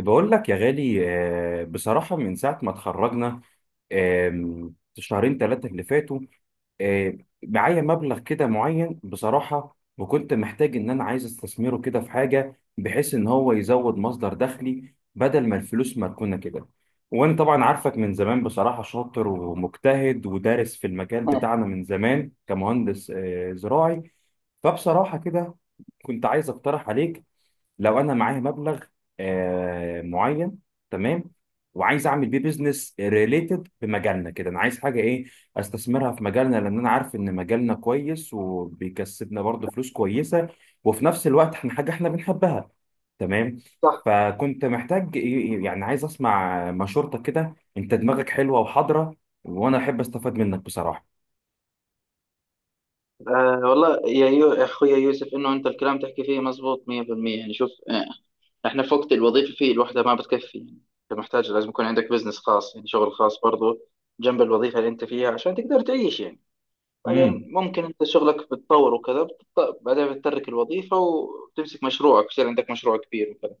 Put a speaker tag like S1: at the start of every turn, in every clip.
S1: بقول لك يا غالي. بصراحة من ساعة ما اتخرجنا. شهرين ثلاثة اللي فاتوا. آه، معايا مبلغ كده معين بصراحة، وكنت محتاج إن أنا عايز استثمره كده في حاجة بحيث إن هو يزود مصدر دخلي بدل ما الفلوس مركونة كده. وأنا طبعا عارفك من زمان، بصراحة شاطر ومجتهد ودارس في المجال
S2: مم.
S1: بتاعنا من زمان كمهندس زراعي. فبصراحة كده كنت عايز أقترح عليك. لو انا معايا مبلغ معين، تمام؟ وعايز اعمل بيه بيزنس ريليتد بمجالنا كده، انا عايز حاجه ايه، استثمرها في مجالنا، لان انا عارف ان مجالنا كويس وبيكسبنا برضه فلوس كويسه، وفي نفس الوقت احنا حاجه احنا بنحبها، تمام؟
S2: صح.
S1: فكنت محتاج إيه، يعني عايز اسمع مشورتك كده، انت دماغك حلوه وحاضره وانا احب استفاد منك بصراحه.
S2: آه والله يا يا اخويا يوسف، انه انت الكلام تحكي فيه مزبوط 100%. يعني شوف، احنا في وقت الوظيفه فيه الوحده ما بتكفي، يعني انت محتاج لازم يكون عندك بزنس خاص، يعني شغل خاص برضو جنب الوظيفه اللي انت فيها عشان تقدر تعيش. يعني بعدين
S1: امم.
S2: ممكن انت شغلك بتطور وكذا بعدين بتترك الوظيفه وتمسك مشروعك، يصير عندك مشروع كبير وكذا.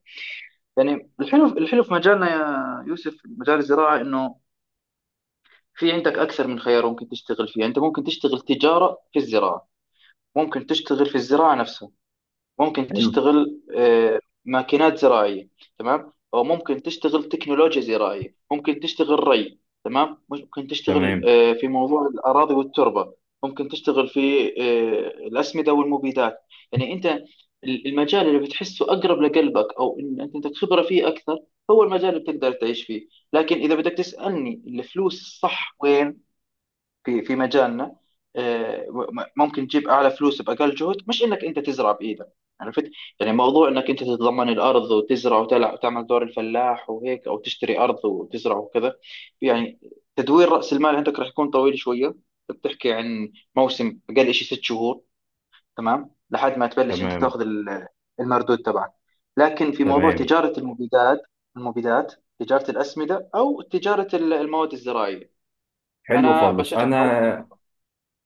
S2: يعني الحلو الحلو في مجالنا يا يوسف، مجال الزراعه انه في عندك اكثر من خيار ممكن تشتغل فيه. انت ممكن تشتغل تجاره في الزراعه، ممكن تشتغل في الزراعة نفسها، ممكن
S1: حلو.
S2: تشتغل ماكينات زراعية. تمام، أو ممكن تشتغل تكنولوجيا زراعية، ممكن تشتغل ري. تمام، ممكن تشتغل
S1: تمام،
S2: في موضوع الأراضي والتربة، ممكن تشتغل في الأسمدة والمبيدات. يعني أنت المجال اللي بتحسه أقرب لقلبك أو إن أنت عندك خبرة فيه أكثر هو المجال اللي بتقدر تعيش فيه. لكن إذا بدك تسألني الفلوس الصح وين، في مجالنا ممكن تجيب اعلى فلوس باقل جهد، مش انك انت تزرع بايدك. عرفت؟ يعني موضوع انك انت تتضمن الارض وتزرع وتعمل دور الفلاح وهيك، او تشتري ارض وتزرع وكذا، يعني تدوير راس المال عندك راح يكون طويل شويه. بتحكي عن موسم اقل شيء ست شهور، تمام، لحد ما تبلش انت
S1: تمام،
S2: تاخذ المردود تبعك. لكن في موضوع
S1: تمام.
S2: تجاره المبيدات، المبيدات، تجاره الاسمده او تجاره المواد الزراعيه،
S1: حلو
S2: انا
S1: خالص
S2: بشجعك على واحده منهم.
S1: انا.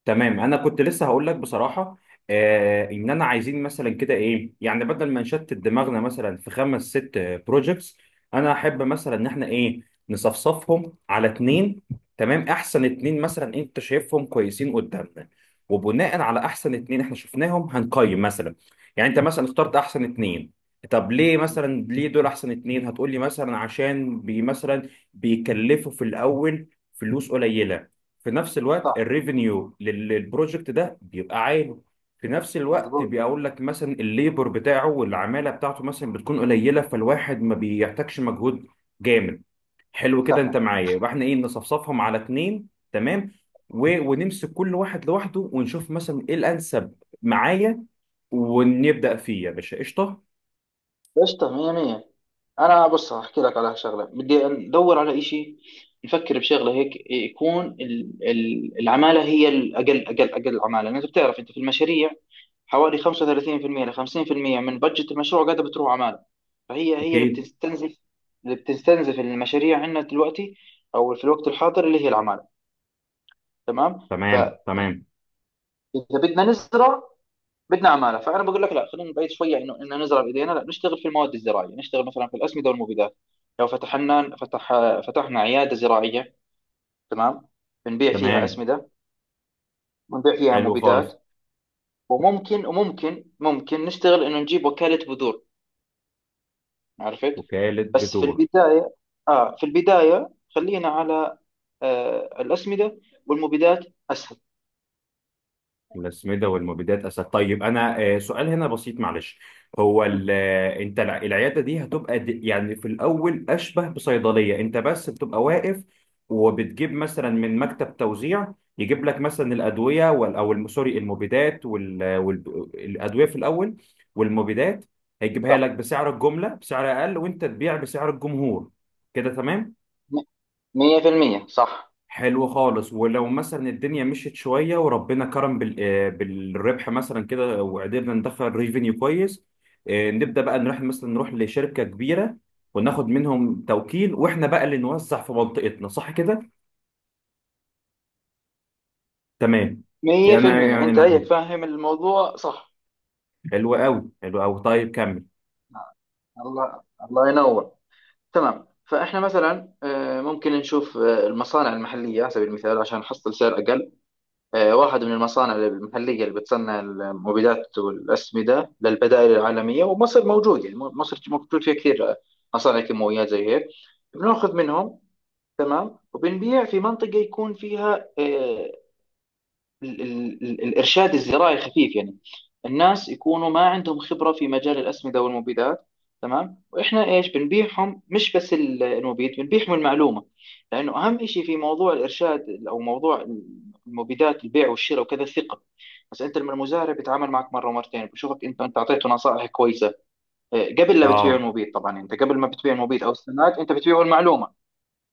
S1: تمام، انا كنت لسه هقول لك بصراحه، ان انا عايزين مثلا كده ايه، يعني بدل ما نشتت دماغنا مثلا في خمس ست بروجكتس، انا احب مثلا ان احنا ايه، نصفصفهم على اتنين، تمام؟ احسن اتنين مثلا انت شايفهم كويسين قدامنا، وبناء على احسن اتنين احنا شفناهم هنقيم مثلا، يعني انت مثلا اخترت احسن اتنين. طب ليه مثلا، ليه دول احسن اتنين؟ هتقولي مثلا عشان بي مثلا بيكلفوا في الاول فلوس قليله، في نفس الوقت
S2: صح.
S1: الريفينيو للبروجكت ده بيبقى عالي، في نفس الوقت
S2: مظبوط.
S1: بيقول لك مثلا الليبر بتاعه والعماله بتاعته مثلا بتكون قليله، فالواحد ما بيحتاجش مجهود جامد. حلو كده، انت
S2: سخن.
S1: معايا؟ يبقى احنا ايه، نصفصفهم على اتنين، تمام؟ و... ونمسك كل واحد لوحده ونشوف مثلا ايه الانسب معايا، ونبدا فيه يا باشا، قشطه.
S2: قشطة مية مية. أنا بص هحكي لك على شغلة، بدي ندور على إشي، نفكر بشغلة هيك يكون العمالة هي الأقل أقل أقل عمالة، لأن أنت بتعرف أنت في المشاريع حوالي 35% ل 50% من بجت المشروع قاعدة بتروح عمالة. فهي اللي
S1: اكيد.
S2: بتستنزف، اللي بتستنزف المشاريع عندنا دلوقتي، أو في الوقت الحاضر، اللي هي العمالة. تمام، فإذا
S1: تمام، تمام،
S2: بدنا نزرع بدنا عماله، فانا بقول لك لا، خلينا نبعد شويه انه ان نزرع بايدينا، لا، نشتغل في المواد الزراعيه، نشتغل مثلا في الاسمده والمبيدات. لو فتحنا عياده زراعيه، تمام، بنبيع فيها
S1: تمام.
S2: اسمده، بنبيع فيها
S1: حلو خالص.
S2: مبيدات. وممكن وممكن ممكن نشتغل انه نجيب وكاله بذور. عرفت؟
S1: وكاله
S2: بس في
S1: بترول.
S2: البدايه، اه في البدايه، خلينا على آه الاسمده والمبيدات، اسهل.
S1: الأسمدة والمبيدات أسد. طيب أنا سؤال هنا بسيط معلش. هو
S2: م،
S1: أنت العيادة دي هتبقى يعني في الأول أشبه بصيدلية؟ أنت بس بتبقى واقف وبتجيب مثلا من مكتب توزيع، يجيب لك مثلا الأدوية أو سوري، المبيدات والأدوية في الأول، والمبيدات، هيجيبها
S2: صح.
S1: لك بسعر الجملة، بسعر أقل، وأنت تبيع بسعر الجمهور. كده تمام؟
S2: 100%. صح
S1: حلو خالص. ولو مثلا الدنيا مشيت شويه وربنا كرم بالربح مثلا كده، وقدرنا ندخل ريفينيو كويس، نبدا بقى نروح مثلا، نروح لشركه كبيره وناخد منهم توكيل، واحنا بقى اللي نوزع في منطقتنا، صح كده؟ تمام. انا
S2: 100%،
S1: يعني
S2: انت هيك
S1: لحظة.
S2: فاهم الموضوع صح.
S1: حلو قوي، حلو قوي. طيب كمل.
S2: الله، الله ينور. تمام، فاحنا مثلا ممكن نشوف المصانع المحليه على سبيل المثال عشان نحصل سعر اقل. واحد من المصانع المحليه اللي بتصنع المبيدات والاسمده للبدائل العالميه، ومصر موجود، يعني مصر موجود فيها كثير مصانع كيماويات زي هيك، بناخذ منهم. تمام، وبنبيع في منطقه يكون فيها الإرشاد الزراعي خفيف، يعني الناس يكونوا ما عندهم خبرة في مجال الأسمدة والمبيدات. تمام، وإحنا إيش بنبيعهم؟ مش بس المبيد، بنبيعهم المعلومة. لأنه أهم شيء في موضوع الإرشاد أو موضوع المبيدات، البيع والشراء وكذا، الثقة. بس أنت لما المزارع بيتعامل معك مرة ومرتين بشوفك أنت أعطيته نصائح كويسة قبل لا بتبيع
S1: اه.
S2: المبيد، طبعا أنت قبل ما بتبيع المبيد أو السماد أنت بتبيعه المعلومة.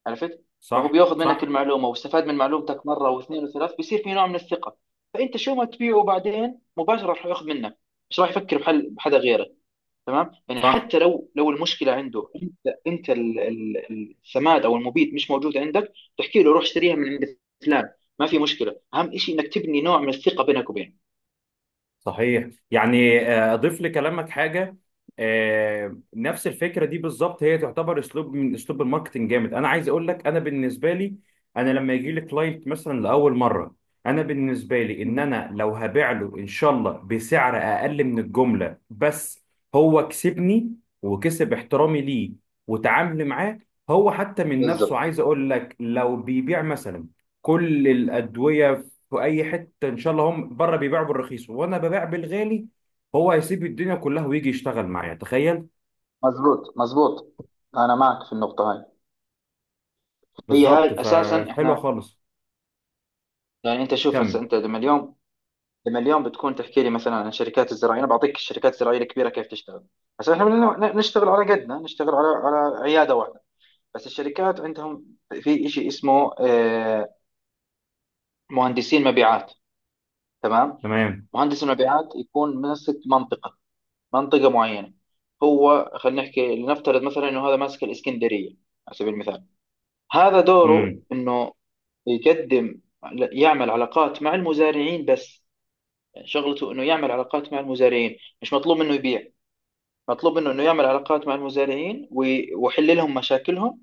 S2: عرفت؟ فهو
S1: صح،
S2: بياخذ منك
S1: صح،
S2: المعلومه واستفاد من معلومتك مره واثنين وثلاث، بيصير في نوع من الثقه. فانت شو ما تبيعه بعدين مباشره راح ياخذ منك، مش راح يفكر بحل بحدا غيرك. تمام، يعني
S1: صح.
S2: حتى لو المشكله عنده، انت انت السماد او المبيد مش موجود عندك، تحكي له روح اشتريها من عند فلان. ما في مشكله، اهم شيء انك تبني نوع من الثقه بينك وبينه.
S1: صحيح. يعني اضيف لكلامك حاجه. نفس الفكره دي بالظبط، هي تعتبر اسلوب من اسلوب الماركتنج جامد. انا عايز اقول لك، انا بالنسبه لي، انا لما يجي لي كلاينت مثلا لاول مره، انا بالنسبه لي ان انا لو هبيع له ان شاء الله بسعر اقل من الجمله، بس هو كسبني وكسب احترامي ليه وتعاملي معاه. هو حتى من نفسه
S2: بالضبط.
S1: عايز اقول لك، لو بيبيع مثلا كل الادويه في اي حته ان شاء الله، هم بره بيبيعوا بالرخيص وانا ببيع بالغالي، هو هيسيب الدنيا كلها ويجي يشتغل معايا، تخيل.
S2: مزبوط مزبوط، انا معك في النقطه هاي. هي
S1: بالظبط،
S2: هاي اساسا
S1: فحلوه
S2: احنا
S1: خالص.
S2: يعني، انت شوف هسه
S1: كمل.
S2: انت لما اليوم، بتكون تحكي لي مثلا عن الشركات الزراعيه، انا بعطيك الشركات الزراعيه الكبيره كيف تشتغل. عشان احنا بدنا نشتغل على قدنا، نشتغل على عياده واحده. بس الشركات عندهم في شيء اسمه مهندسين مبيعات. تمام،
S1: تمام.
S2: مهندس المبيعات يكون ماسك منطقه، منطقه معينه. هو خلينا نحكي، لنفترض مثلا انه هذا ماسك الاسكندريه على سبيل المثال. هذا دوره،
S1: امم.
S2: انه يقدم، يعمل علاقات مع المزارعين بس، يعني شغلته انه يعمل علاقات مع المزارعين، مش مطلوب منه يبيع، مطلوب منه انه يعمل علاقات مع المزارعين ويحل لهم مشاكلهم.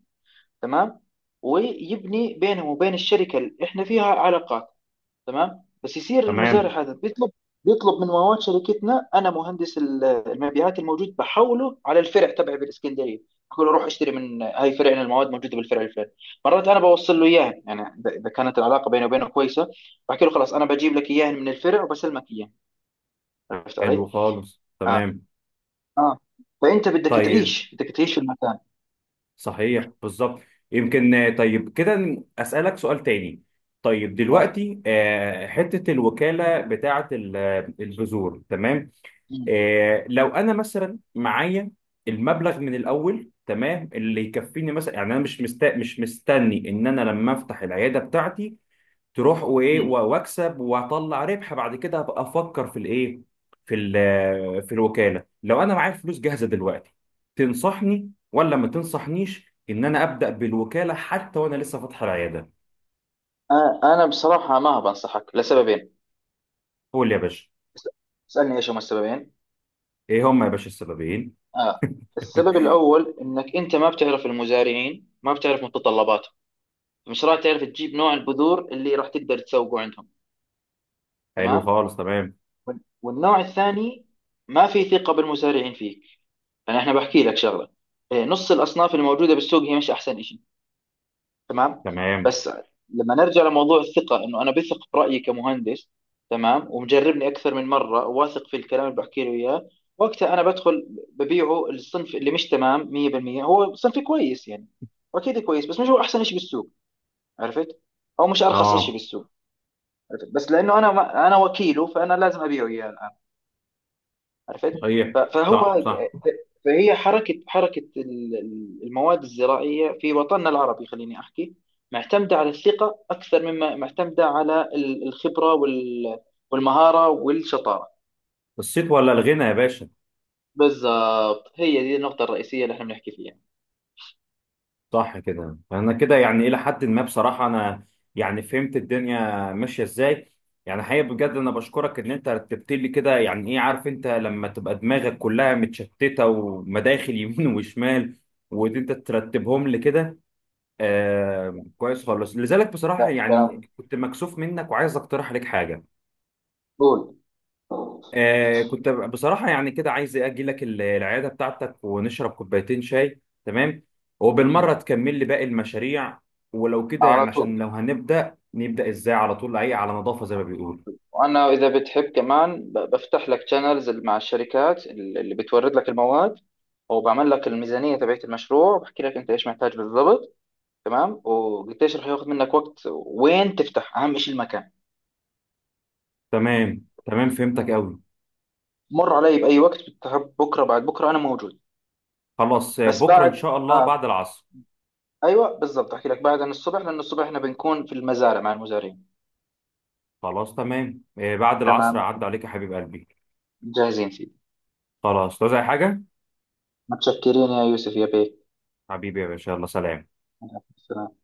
S2: تمام، ويبني بينهم وبين الشركه اللي احنا فيها علاقات. تمام، بس يصير
S1: تمام.
S2: المزارع هذا بيطلب من مواد شركتنا، انا مهندس المبيعات الموجود بحوله على الفرع تبعي بالاسكندريه، بقول له روح اشتري من هاي فرعنا، المواد موجوده بالفرع الفلاني. مرات انا بوصل له اياها، يعني إذا كانت العلاقه بيني وبينه كويسه، بحكي له خلاص انا بجيب لك اياها من الفرع وبسلمك اياها. عرفت
S1: حلو
S2: علي؟
S1: خالص.
S2: اه.
S1: تمام.
S2: اه. فانت بدك
S1: طيب
S2: تعيش، بدك تعيش في المكان.
S1: صحيح، بالظبط. يمكن، طيب كده اسالك سؤال تاني. طيب
S2: آه.
S1: دلوقتي حته الوكاله بتاعه البذور، تمام؟
S2: مم.
S1: لو انا مثلا معايا المبلغ من الاول، تمام، اللي يكفيني مثلا، يعني انا مش مستني ان انا لما افتح العياده بتاعتي تروح وايه
S2: مم.
S1: واكسب واطلع ربح بعد كده ابقى افكر في الايه، في ال... في الوكاله. لو انا معايا فلوس جاهزه دلوقتي، تنصحني ولا ما تنصحنيش ان انا ابدا بالوكاله حتى وانا لسه فاتح العياده؟
S2: أنا بصراحة ما بنصحك لسببين.
S1: قول لي يا باشا.
S2: اس- اسألني إيش هما السببين.
S1: ايه هم يا باشا السببين؟
S2: آه. السبب الأول إنك أنت ما بتعرف المزارعين، ما بتعرف متطلباتهم، مش راح تعرف تجيب نوع البذور اللي راح تقدر تسوقه عندهم.
S1: حلو
S2: تمام،
S1: خالص، تمام.
S2: والنوع الثاني ما في ثقة بالمزارعين فيك. أنا إحنا بحكي لك شغلة، نص الأصناف الموجودة بالسوق هي مش أحسن. تمام،
S1: تمام.
S2: بس لما نرجع لموضوع الثقة، انه انا بثق برأيي كمهندس، تمام، ومجربني اكثر من مرة، واثق في الكلام اللي بحكي له اياه، وقتها انا بدخل ببيعه الصنف اللي مش تمام 100%. هو صنف كويس يعني، واكيد كويس، بس مش هو احسن شيء بالسوق. عرفت؟ او مش ارخص شيء
S1: اه.
S2: بالسوق. عرفت؟ بس لانه انا ما انا وكيله فانا لازم ابيعه اياه. عرفت؟
S1: صحيح.
S2: ف-
S1: صح،
S2: فهو
S1: صح.
S2: فهي حركة المواد الزراعية في وطننا العربي، خليني أحكي، معتمدة على الثقة أكثر مما معتمدة على الخبرة والمهارة والشطارة.
S1: الصيت ولا الغنى يا باشا.
S2: بالضبط، هي دي النقطة الرئيسية اللي احنا بنحكي فيها.
S1: صح كده. انا كده يعني الى حد ما بصراحه انا يعني فهمت الدنيا ماشيه ازاي. يعني حقيقه بجد انا بشكرك ان انت رتبت لي كده، يعني ايه، عارف انت لما تبقى دماغك كلها متشتته ومداخل يمين وشمال، وان انت ترتبهم لي كده، آه كويس خالص. لذلك بصراحه
S2: لا
S1: يعني
S2: كلام.
S1: كنت مكسوف منك وعايز اقترح عليك حاجه.
S2: قول.
S1: آه، كنت بصراحة يعني كده عايز إيه، أجي لك العيادة بتاعتك ونشرب كوبايتين شاي، تمام؟ وبالمرة تكمل لي باقي المشاريع، ولو كده
S2: على
S1: يعني عشان
S2: طول.
S1: لو هنبدأ، نبدأ إزاي على طول، أي على نظافة زي ما بيقولوا.
S2: وأنا إذا بتحب كمان بفتح لك شانلز مع الشركات اللي بتورد لك المواد، وبعمل لك الميزانية تبعت المشروع، وبحكي لك أنت إيش محتاج بالضبط. تمام، والتشريح هياخد منك وقت وين تفتح، اهم شيء المكان.
S1: تمام، تمام، فهمتك
S2: آه.
S1: أوي.
S2: مر علي باي وقت، بكره بعد بكره انا موجود.
S1: خلاص،
S2: بس
S1: بكرة إن
S2: بعد
S1: شاء الله
S2: آه.
S1: بعد العصر.
S2: ايوه بالضبط، احكي لك بعد عن الصبح، لان الصبح احنا بنكون في المزارع مع المزارعين.
S1: خلاص تمام، آه بعد العصر
S2: تمام،
S1: أعد عليك يا حبيب قلبي.
S2: جاهزين سيدي.
S1: خلاص، عايز أي حاجة؟
S2: متشكرين يا يوسف يا بيه.
S1: حبيبي يا باشا، يلا سلام.
S2: سلام.